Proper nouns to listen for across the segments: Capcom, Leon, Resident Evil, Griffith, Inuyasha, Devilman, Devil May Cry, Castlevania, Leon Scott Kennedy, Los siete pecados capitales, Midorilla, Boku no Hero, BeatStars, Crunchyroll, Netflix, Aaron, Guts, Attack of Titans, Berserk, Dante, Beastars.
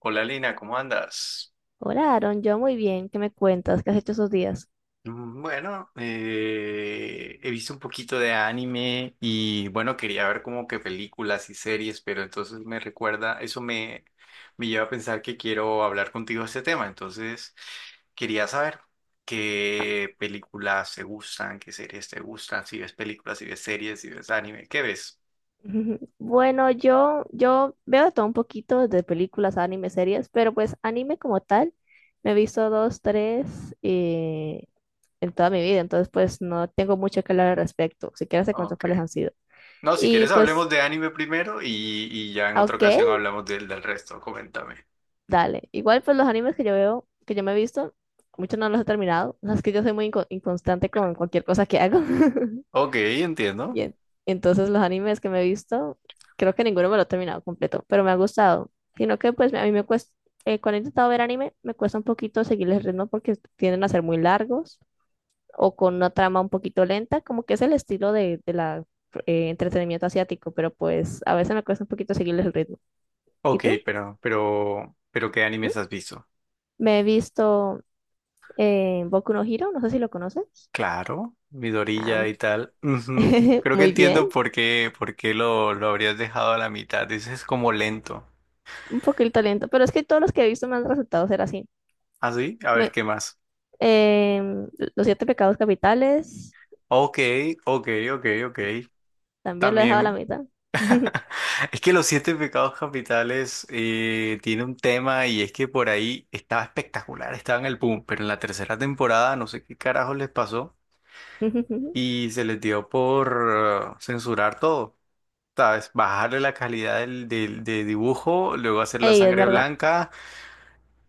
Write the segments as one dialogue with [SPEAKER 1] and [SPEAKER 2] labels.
[SPEAKER 1] Hola Lina, ¿cómo andas?
[SPEAKER 2] Hola, Aaron, yo muy bien. ¿Qué me cuentas? ¿Qué has hecho esos días?
[SPEAKER 1] Bueno, He visto un poquito de anime y bueno, quería ver como que películas y series, pero entonces me recuerda, me lleva a pensar que quiero hablar contigo de este tema, entonces quería saber qué películas te gustan, qué series te gustan, si ves películas, si ves series, si ves anime, ¿qué ves?
[SPEAKER 2] Bueno, yo veo de todo un poquito de películas, anime, series, pero pues anime como tal, me he visto dos, tres en toda mi vida, entonces pues no tengo mucho que hablar al respecto. Si quieres te cuento
[SPEAKER 1] Ok.
[SPEAKER 2] cuáles han sido.
[SPEAKER 1] No, si
[SPEAKER 2] Y
[SPEAKER 1] quieres hablemos
[SPEAKER 2] pues,
[SPEAKER 1] de anime primero y ya en
[SPEAKER 2] ah,
[SPEAKER 1] otra
[SPEAKER 2] ok,
[SPEAKER 1] ocasión hablamos del resto, coméntame.
[SPEAKER 2] dale. Igual pues los animes que yo veo, que yo me he visto, muchos no los he terminado. Las que yo soy muy inconstante con cualquier cosa que hago.
[SPEAKER 1] Ok,
[SPEAKER 2] Y
[SPEAKER 1] entiendo.
[SPEAKER 2] en- entonces los animes que me he visto, creo que ninguno me lo he terminado completo, pero me ha gustado. Sino que pues a mí me cuesta, cuando he intentado ver anime, me cuesta un poquito seguirles el ritmo porque tienden a ser muy largos o con una trama un poquito lenta, como que es el estilo de la entretenimiento asiático, pero pues a veces me cuesta un poquito seguirles el ritmo. ¿Y
[SPEAKER 1] Ok,
[SPEAKER 2] tú?
[SPEAKER 1] pero ¿qué
[SPEAKER 2] ¿Mm?
[SPEAKER 1] animes has visto?
[SPEAKER 2] Me he visto Boku no Hero, no sé si lo conoces.
[SPEAKER 1] Claro,
[SPEAKER 2] Ah,
[SPEAKER 1] Midorilla y tal. Ujú. Creo que
[SPEAKER 2] muy
[SPEAKER 1] entiendo
[SPEAKER 2] bien,
[SPEAKER 1] por qué lo habrías dejado a la mitad. Dices como lento.
[SPEAKER 2] un poquito lento, pero es que todos los que he visto me han resultado ser así.
[SPEAKER 1] ¿Ah, sí? A ver,
[SPEAKER 2] Me-
[SPEAKER 1] ¿qué más?
[SPEAKER 2] Em, los siete pecados capitales,
[SPEAKER 1] Ok, ok, ok, ok.
[SPEAKER 2] también lo he dejado a la
[SPEAKER 1] También.
[SPEAKER 2] mitad.
[SPEAKER 1] Es que los siete pecados capitales tiene un tema y es que por ahí estaba espectacular, estaba en el boom, pero en la tercera temporada no sé qué carajo les pasó y se les dio por censurar todo. ¿Sabes? Bajarle la calidad del, del- de dibujo, luego hacer la
[SPEAKER 2] Ey, es
[SPEAKER 1] sangre
[SPEAKER 2] verdad.
[SPEAKER 1] blanca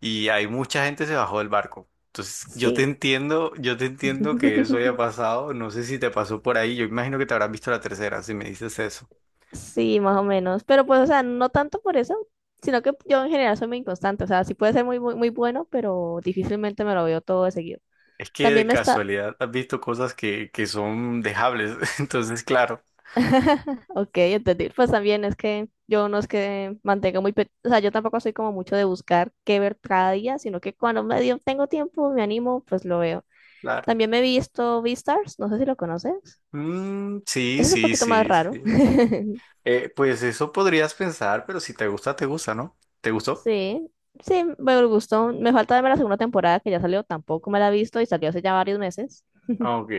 [SPEAKER 1] y hay mucha gente se bajó del barco. Entonces,
[SPEAKER 2] Sí.
[SPEAKER 1] yo te entiendo que eso haya pasado. No sé si te pasó por ahí. Yo imagino que te habrás visto la tercera, si me dices eso.
[SPEAKER 2] Sí, más o menos. Pero pues, o sea, no tanto por eso, sino que yo en general soy muy inconstante. O sea, sí puede ser muy, muy, muy bueno, pero difícilmente me lo veo todo de seguido.
[SPEAKER 1] Es que de
[SPEAKER 2] También me está...
[SPEAKER 1] casualidad has visto cosas que son dejables. Entonces, claro,
[SPEAKER 2] Ok, entendí. Pues también es que yo no es que mantenga muy... O sea, yo tampoco soy como mucho de buscar qué ver cada día, sino que cuando medio tengo tiempo, me animo, pues lo veo.
[SPEAKER 1] claro.
[SPEAKER 2] También me he visto Beastars, no sé si lo conoces.
[SPEAKER 1] Mm, sí,
[SPEAKER 2] Ese es un
[SPEAKER 1] sí,
[SPEAKER 2] poquito más
[SPEAKER 1] sí,
[SPEAKER 2] raro.
[SPEAKER 1] sí. Pues eso podrías pensar, pero si te gusta, te gusta, ¿no? ¿Te gustó?
[SPEAKER 2] Sí, sí, me gustó. Me falta verme la segunda temporada que ya salió, tampoco me la he visto y salió hace ya varios meses.
[SPEAKER 1] Ok,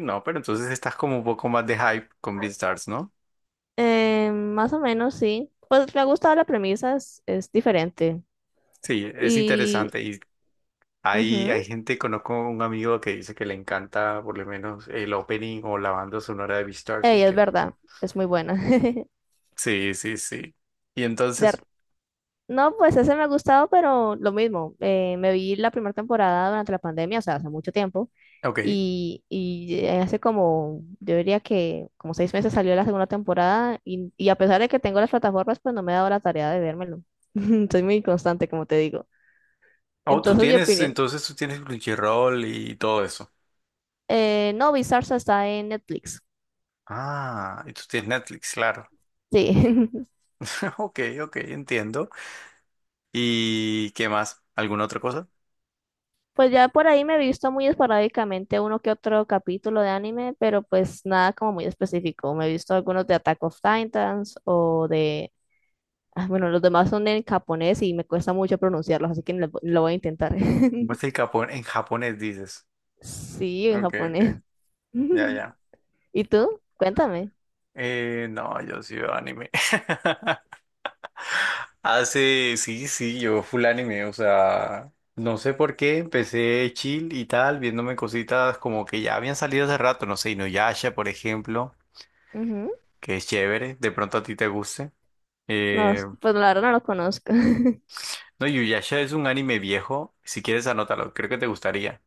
[SPEAKER 1] no, pero entonces estás como un poco más de hype con BeatStars, ¿no?
[SPEAKER 2] Más o menos, sí. Pues me ha gustado la premisa, es diferente.
[SPEAKER 1] Sí, es
[SPEAKER 2] Y
[SPEAKER 1] interesante. Y hay,
[SPEAKER 2] ujú,
[SPEAKER 1] hay gente, conozco un amigo que dice que le encanta por lo menos el opening o la banda sonora de BeatSars
[SPEAKER 2] ey,
[SPEAKER 1] y
[SPEAKER 2] es
[SPEAKER 1] que...
[SPEAKER 2] verdad, es muy buena.
[SPEAKER 1] Sí, sí, sí. Y
[SPEAKER 2] De,
[SPEAKER 1] entonces,
[SPEAKER 2] no, pues ese me ha gustado, pero lo mismo. Me vi la primera temporada durante la pandemia, o sea, hace mucho tiempo.
[SPEAKER 1] ok.
[SPEAKER 2] Hace como, yo diría que como 6 meses salió la segunda temporada. Y a pesar de que tengo las plataformas, pues no me he dado la tarea de vérmelo. Soy muy inconstante, como te digo.
[SPEAKER 1] Oh, tú
[SPEAKER 2] Entonces, mi
[SPEAKER 1] tienes,
[SPEAKER 2] opinión.
[SPEAKER 1] entonces tú tienes Crunchyroll y todo eso.
[SPEAKER 2] No, Bizarre está en Netflix.
[SPEAKER 1] Ah, y tú tienes Netflix, claro.
[SPEAKER 2] Sí.
[SPEAKER 1] Ok, ok, entiendo. ¿Y qué más? ¿Alguna otra cosa?
[SPEAKER 2] Pues ya por ahí me he visto muy esporádicamente uno que otro capítulo de anime, pero pues nada como muy específico. Me he visto algunos de Attack of Titans o de... ah, bueno, los demás son en japonés y me cuesta mucho pronunciarlos, así que lo voy a intentar.
[SPEAKER 1] ¿Cómo está el Japón? En japonés dices.
[SPEAKER 2] Sí, en
[SPEAKER 1] Ok,
[SPEAKER 2] japonés.
[SPEAKER 1] ok. Ya, ya.
[SPEAKER 2] ¿Y tú? Cuéntame.
[SPEAKER 1] No, yo sí veo anime. Hace, sí, sí, yo full anime, o sea, no sé por qué, empecé chill y tal, viéndome cositas como que ya habían salido hace rato, no sé, Inuyasha, por ejemplo,
[SPEAKER 2] Ujú.
[SPEAKER 1] que es chévere, de pronto a ti te guste.
[SPEAKER 2] No,
[SPEAKER 1] Eh,
[SPEAKER 2] s- pues la verdad no lo conozco.
[SPEAKER 1] no, Inuyasha es un anime viejo, si quieres anótalo, creo que te gustaría.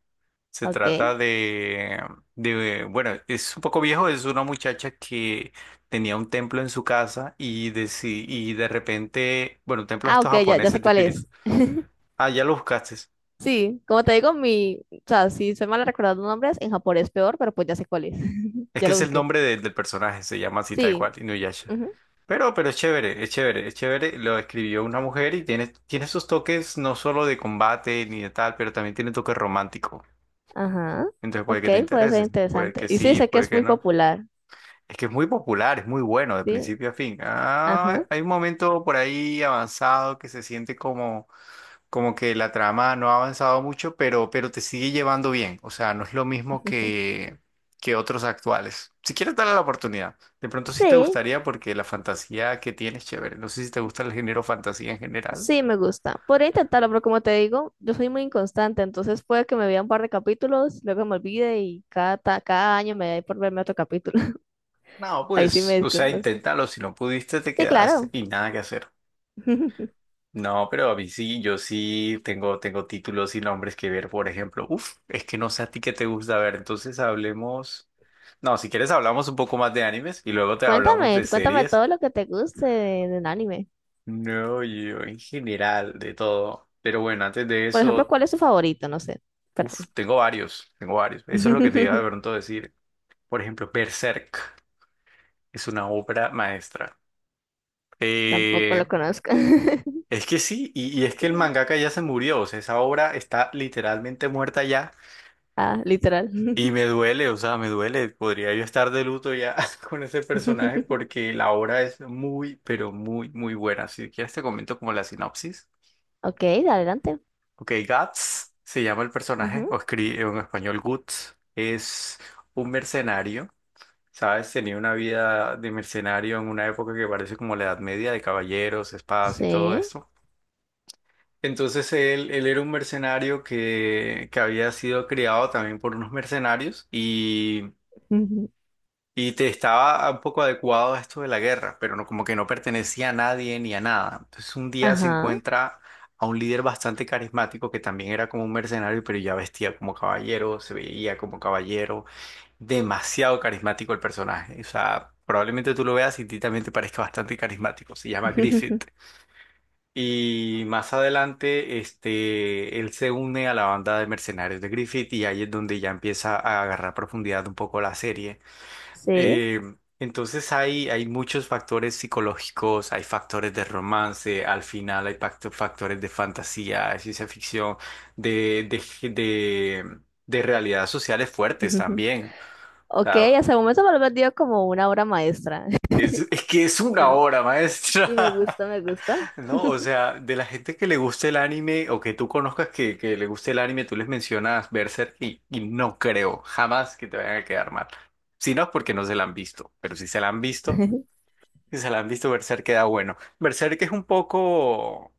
[SPEAKER 1] Se trata
[SPEAKER 2] Ok.
[SPEAKER 1] bueno, es un poco viejo, es una muchacha que tenía un templo en su casa y de, si, y de repente, bueno, un templo de
[SPEAKER 2] Ah,
[SPEAKER 1] estos
[SPEAKER 2] ok, ya sé
[SPEAKER 1] japoneses de
[SPEAKER 2] cuál
[SPEAKER 1] espíritu.
[SPEAKER 2] es.
[SPEAKER 1] Ah, ya lo buscaste.
[SPEAKER 2] Sí, como te digo, mi... O sea, si soy mala recordando nombres, en japonés peor, pero pues ya sé cuál es.
[SPEAKER 1] Es
[SPEAKER 2] Ya
[SPEAKER 1] que
[SPEAKER 2] lo
[SPEAKER 1] es el
[SPEAKER 2] busqué.
[SPEAKER 1] nombre del personaje, se llama así tal
[SPEAKER 2] Sí,
[SPEAKER 1] cual, Inuyasha.
[SPEAKER 2] ujú,
[SPEAKER 1] Pero es chévere, es chévere, es chévere. Lo escribió una mujer y tiene, tiene esos toques no solo de combate ni de tal, pero también tiene toques romántico.
[SPEAKER 2] ajá.
[SPEAKER 1] Entonces puede
[SPEAKER 2] Ok,
[SPEAKER 1] que te
[SPEAKER 2] puede ser
[SPEAKER 1] interese, puede
[SPEAKER 2] interesante.
[SPEAKER 1] que
[SPEAKER 2] Y sí,
[SPEAKER 1] sí,
[SPEAKER 2] sé que
[SPEAKER 1] puede
[SPEAKER 2] es
[SPEAKER 1] que
[SPEAKER 2] muy
[SPEAKER 1] no.
[SPEAKER 2] popular.
[SPEAKER 1] Es que es muy popular, es muy bueno de
[SPEAKER 2] Sí,
[SPEAKER 1] principio a fin. Ah,
[SPEAKER 2] ajá.
[SPEAKER 1] hay un momento por ahí avanzado que se siente como, como que la trama no ha avanzado mucho, pero te sigue llevando bien. O sea, no es lo mismo que otros actuales. Si quieres darle la oportunidad, de pronto sí te
[SPEAKER 2] Sí,
[SPEAKER 1] gustaría porque la fantasía que tienes, chévere. No sé si te gusta el género fantasía en general.
[SPEAKER 2] sí, me gusta. Podría intentarlo, pero como te digo, yo soy muy inconstante, entonces puede que me vea un par de capítulos, luego me olvide y cada año me da por verme otro capítulo.
[SPEAKER 1] No,
[SPEAKER 2] Ahí sí
[SPEAKER 1] pues,
[SPEAKER 2] me
[SPEAKER 1] o sea,
[SPEAKER 2] disculpas.
[SPEAKER 1] inténtalo. Si no pudiste, te
[SPEAKER 2] Sí,
[SPEAKER 1] quedaste
[SPEAKER 2] claro.
[SPEAKER 1] y nada que hacer. No, pero a mí sí, yo sí tengo, tengo títulos y nombres que ver, por ejemplo. Uf, es que no sé a ti qué te gusta ver, entonces hablemos. No, si quieres hablamos un poco más de animes y luego te hablamos
[SPEAKER 2] Cuéntame,
[SPEAKER 1] de
[SPEAKER 2] cuéntame
[SPEAKER 1] series.
[SPEAKER 2] todo lo que te guste del anime.
[SPEAKER 1] No, yo en general, de todo. Pero bueno, antes de
[SPEAKER 2] Por ejemplo,
[SPEAKER 1] eso,
[SPEAKER 2] ¿cuál es tu favorito? No sé.
[SPEAKER 1] uf,
[SPEAKER 2] Perdón.
[SPEAKER 1] tengo varios, tengo varios. Eso es lo que te iba de pronto a decir. Por ejemplo, Berserk es una obra maestra.
[SPEAKER 2] Tampoco
[SPEAKER 1] Eh,
[SPEAKER 2] lo conozco.
[SPEAKER 1] es que sí, y es que el mangaka ya se murió, o sea, esa obra está literalmente muerta ya.
[SPEAKER 2] Ah, literal.
[SPEAKER 1] Y me duele, o sea, me duele. Podría yo estar de luto ya con ese personaje porque la obra es muy, pero muy, muy buena. Si quieres te comento como la sinopsis.
[SPEAKER 2] Ok, dale, adelante.
[SPEAKER 1] Ok, Guts se llama el personaje,
[SPEAKER 2] Ujú.
[SPEAKER 1] o escribe en español Guts. Es un mercenario, ¿sabes? Tenía una vida de mercenario en una época que parece como la Edad Media, de caballeros, espadas y todo
[SPEAKER 2] Sí.
[SPEAKER 1] esto. Entonces él era un mercenario que había sido criado también por unos mercenarios y...
[SPEAKER 2] Ujú.
[SPEAKER 1] Y te estaba un poco adecuado a esto de la guerra, pero no, como que no pertenecía a nadie ni a nada. Entonces un día se
[SPEAKER 2] Ajá.
[SPEAKER 1] encuentra a un líder bastante carismático que también era como un mercenario, pero ya vestía como caballero, se veía como caballero. Demasiado carismático el personaje. O sea, probablemente tú lo veas y a ti también te parezca bastante carismático. Se llama Griffith. Y más adelante, este, él se une a la banda de mercenarios de Griffith y ahí es donde ya empieza a agarrar profundidad un poco la serie.
[SPEAKER 2] Sí.
[SPEAKER 1] Eh, entonces hay muchos factores psicológicos, hay factores de romance, al final hay factores de fantasía, de ciencia ficción, de, de, de, de realidades sociales fuertes
[SPEAKER 2] Ujú.
[SPEAKER 1] también. O
[SPEAKER 2] Ok,
[SPEAKER 1] sea,
[SPEAKER 2] hasta el momento me lo he vendido como una obra maestra.
[SPEAKER 1] es que es una
[SPEAKER 2] Pero-
[SPEAKER 1] obra maestra,
[SPEAKER 2] y me gusta, me gusta.
[SPEAKER 1] ¿no? O sea, de la gente que le guste el anime o que tú conozcas que le guste el anime, tú les mencionas Berserk y no creo jamás que te vayan a quedar mal. Si no es porque no se la han visto, pero si se la han visto... Si se la han visto, Berserk queda bueno. Berserk es un poco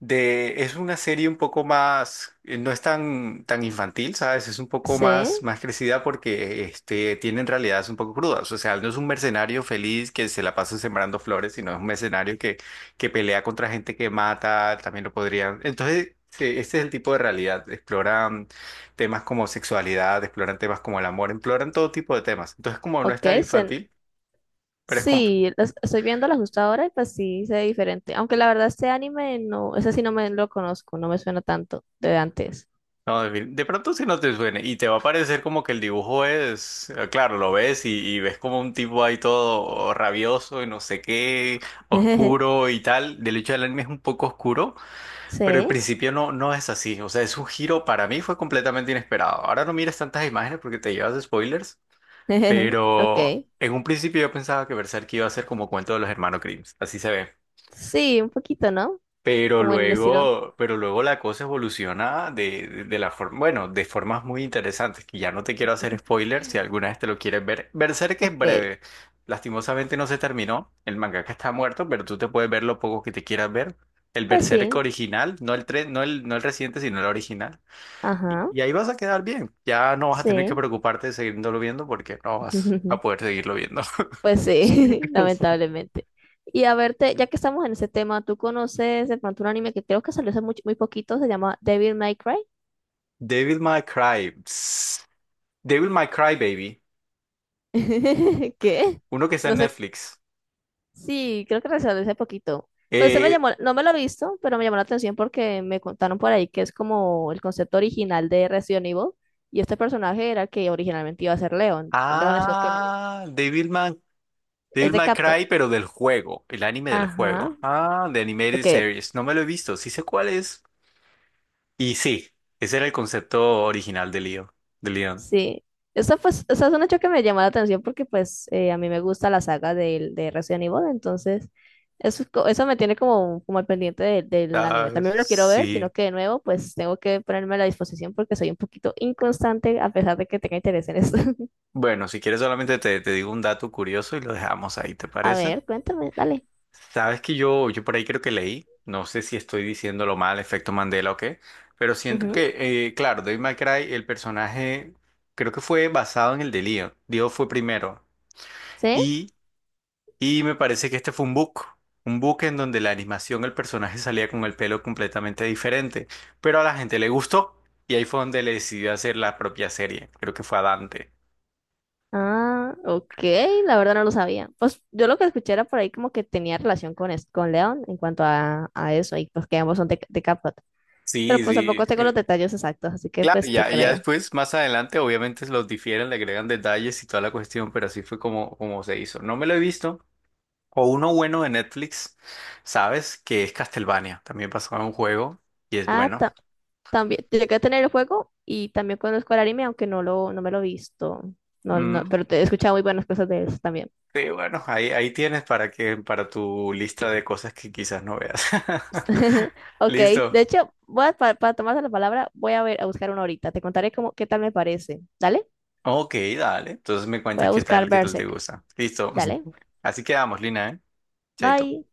[SPEAKER 1] es una serie un poco más, no es tan, tan infantil, ¿sabes? Es un poco más,
[SPEAKER 2] Sí.
[SPEAKER 1] más crecida porque este, tienen realidades un poco crudas. O sea, no es un mercenario feliz que se la pasa sembrando flores, sino es un mercenario que pelea contra gente que mata, también lo podrían. Entonces, sí, este es el tipo de realidad. Exploran temas como sexualidad, exploran temas como el amor, exploran todo tipo de temas. Entonces, como no es
[SPEAKER 2] Ok,
[SPEAKER 1] tan infantil, pero
[SPEAKER 2] sí, estoy viéndola justo ahora y pues sí, se ve diferente. Aunque la verdad este anime no, ese sí no me lo conozco, no me suena tanto de antes.
[SPEAKER 1] No, de pronto si no te suene y te va a parecer como que el dibujo es, claro, lo ves y ves como un tipo ahí todo rabioso y no sé qué, oscuro y tal. Del hecho, el anime es un poco oscuro, pero el
[SPEAKER 2] Sí.
[SPEAKER 1] principio no, no es así. O sea, es un giro para mí fue completamente inesperado. Ahora no mires tantas imágenes porque te llevas spoilers,
[SPEAKER 2] Ok.
[SPEAKER 1] pero en un principio yo pensaba que Berserk iba a ser como cuento de los hermanos Grimm. Así se ve.
[SPEAKER 2] Sí, un poquito, ¿no? Como en el estilo.
[SPEAKER 1] Pero luego la cosa evoluciona de la forma, bueno, de formas muy interesantes, que ya no te quiero hacer spoilers si alguna vez te lo quieres ver. Berserk es
[SPEAKER 2] Ok,
[SPEAKER 1] breve. Lastimosamente no se terminó. El mangaka está muerto, pero tú te puedes ver lo poco que te quieras ver. El
[SPEAKER 2] pues
[SPEAKER 1] Berserk
[SPEAKER 2] sí.
[SPEAKER 1] original, no el tres, no el reciente, sino el original.
[SPEAKER 2] Ajá.
[SPEAKER 1] Y ahí vas a quedar bien. Ya no vas a tener que
[SPEAKER 2] Sí,
[SPEAKER 1] preocuparte de seguirlo viendo porque no vas a poder seguirlo viendo.
[SPEAKER 2] pues sí, lamentablemente. Y a verte, ya que estamos en ese tema, ¿tú conoces de pronto un anime que creo que salió hace muy, muy poquito? Se llama Devil May Cry.
[SPEAKER 1] Devil May Cry. Psst. Devil May Cry, baby.
[SPEAKER 2] ¿Qué?
[SPEAKER 1] Uno que está
[SPEAKER 2] No
[SPEAKER 1] en
[SPEAKER 2] sé.
[SPEAKER 1] Netflix.
[SPEAKER 2] Sí, creo que salió hace poquito. Pues se me
[SPEAKER 1] Eh,
[SPEAKER 2] llamó, no me lo he visto, pero me llamó la atención porque me contaron por ahí que es como el concepto original de Resident Evil. Y este personaje era el que originalmente iba a ser Leon. Leon Scott Kennedy.
[SPEAKER 1] Devilman,
[SPEAKER 2] Es
[SPEAKER 1] Devil
[SPEAKER 2] de
[SPEAKER 1] May
[SPEAKER 2] Capcom.
[SPEAKER 1] Cry, pero del juego, el anime del juego.
[SPEAKER 2] Ajá.
[SPEAKER 1] Ah, de Animated
[SPEAKER 2] Ok,
[SPEAKER 1] Series. No me lo he visto, sí sé cuál es. Y sí, ese era el concepto original de Leo, de Leon.
[SPEAKER 2] sí, esa, pues, esa es un hecho que me llamó la atención porque pues a mí me gusta la saga del de Resident Evil, entonces eso, eso me tiene como, como al pendiente del
[SPEAKER 1] Ah,
[SPEAKER 2] anime. También lo quiero ver, sino
[SPEAKER 1] sí.
[SPEAKER 2] que de nuevo pues tengo que ponerme a la disposición porque soy un poquito inconstante a pesar de que tenga interés en eso.
[SPEAKER 1] Bueno, si quieres solamente te, te digo un dato curioso y lo dejamos ahí, ¿te
[SPEAKER 2] A
[SPEAKER 1] parece?
[SPEAKER 2] ver, cuéntame, dale.
[SPEAKER 1] Sabes que yo por ahí creo que leí, no sé si estoy diciéndolo mal, efecto Mandela o qué, pero siento
[SPEAKER 2] Ujú,
[SPEAKER 1] que, claro, Devil May Cry, el personaje creo que fue basado en el de Leon. Dio fue primero.
[SPEAKER 2] ¿sí?
[SPEAKER 1] Y, y me parece que este fue un book en donde la animación, el personaje salía con el pelo completamente diferente, pero a la gente le gustó y ahí fue donde le decidió hacer la propia serie, creo que fue a Dante.
[SPEAKER 2] Ah, ok, la verdad no lo sabía. Pues yo lo que escuché era por ahí como que tenía relación con, con León en cuanto a eso y pues que ambos son de Capcom. Pero
[SPEAKER 1] Sí,
[SPEAKER 2] pues
[SPEAKER 1] sí,
[SPEAKER 2] tampoco tengo los detalles exactos, así que
[SPEAKER 1] claro,
[SPEAKER 2] pues te
[SPEAKER 1] y ya
[SPEAKER 2] creo.
[SPEAKER 1] después, más adelante, obviamente los difieren, le agregan detalles y toda la cuestión, pero así fue como, como se hizo. No me lo he visto. O uno bueno de Netflix, ¿sabes? Que es Castlevania. También pasó a un juego y es
[SPEAKER 2] Ah,
[SPEAKER 1] bueno.
[SPEAKER 2] también, llegué a tener el juego y también conozco el anime, aunque no no me lo he visto. No,
[SPEAKER 1] Mm.
[SPEAKER 2] pero te he escuchado muy buenas cosas de eso también.
[SPEAKER 1] Sí, bueno, ahí, ahí tienes para que, para tu lista de cosas que quizás no veas.
[SPEAKER 2] Ok, de
[SPEAKER 1] Listo.
[SPEAKER 2] hecho, voy a, para, tomarse la palabra, voy a ver, a buscar una ahorita. Te contaré cómo, qué tal me parece. Dale,
[SPEAKER 1] Ok, dale. Entonces me
[SPEAKER 2] voy
[SPEAKER 1] cuentas
[SPEAKER 2] a buscar
[SPEAKER 1] qué tal te
[SPEAKER 2] Berserk.
[SPEAKER 1] gusta. Listo.
[SPEAKER 2] Dale,
[SPEAKER 1] Así quedamos, Lina, ¿eh? Chaito.
[SPEAKER 2] bye.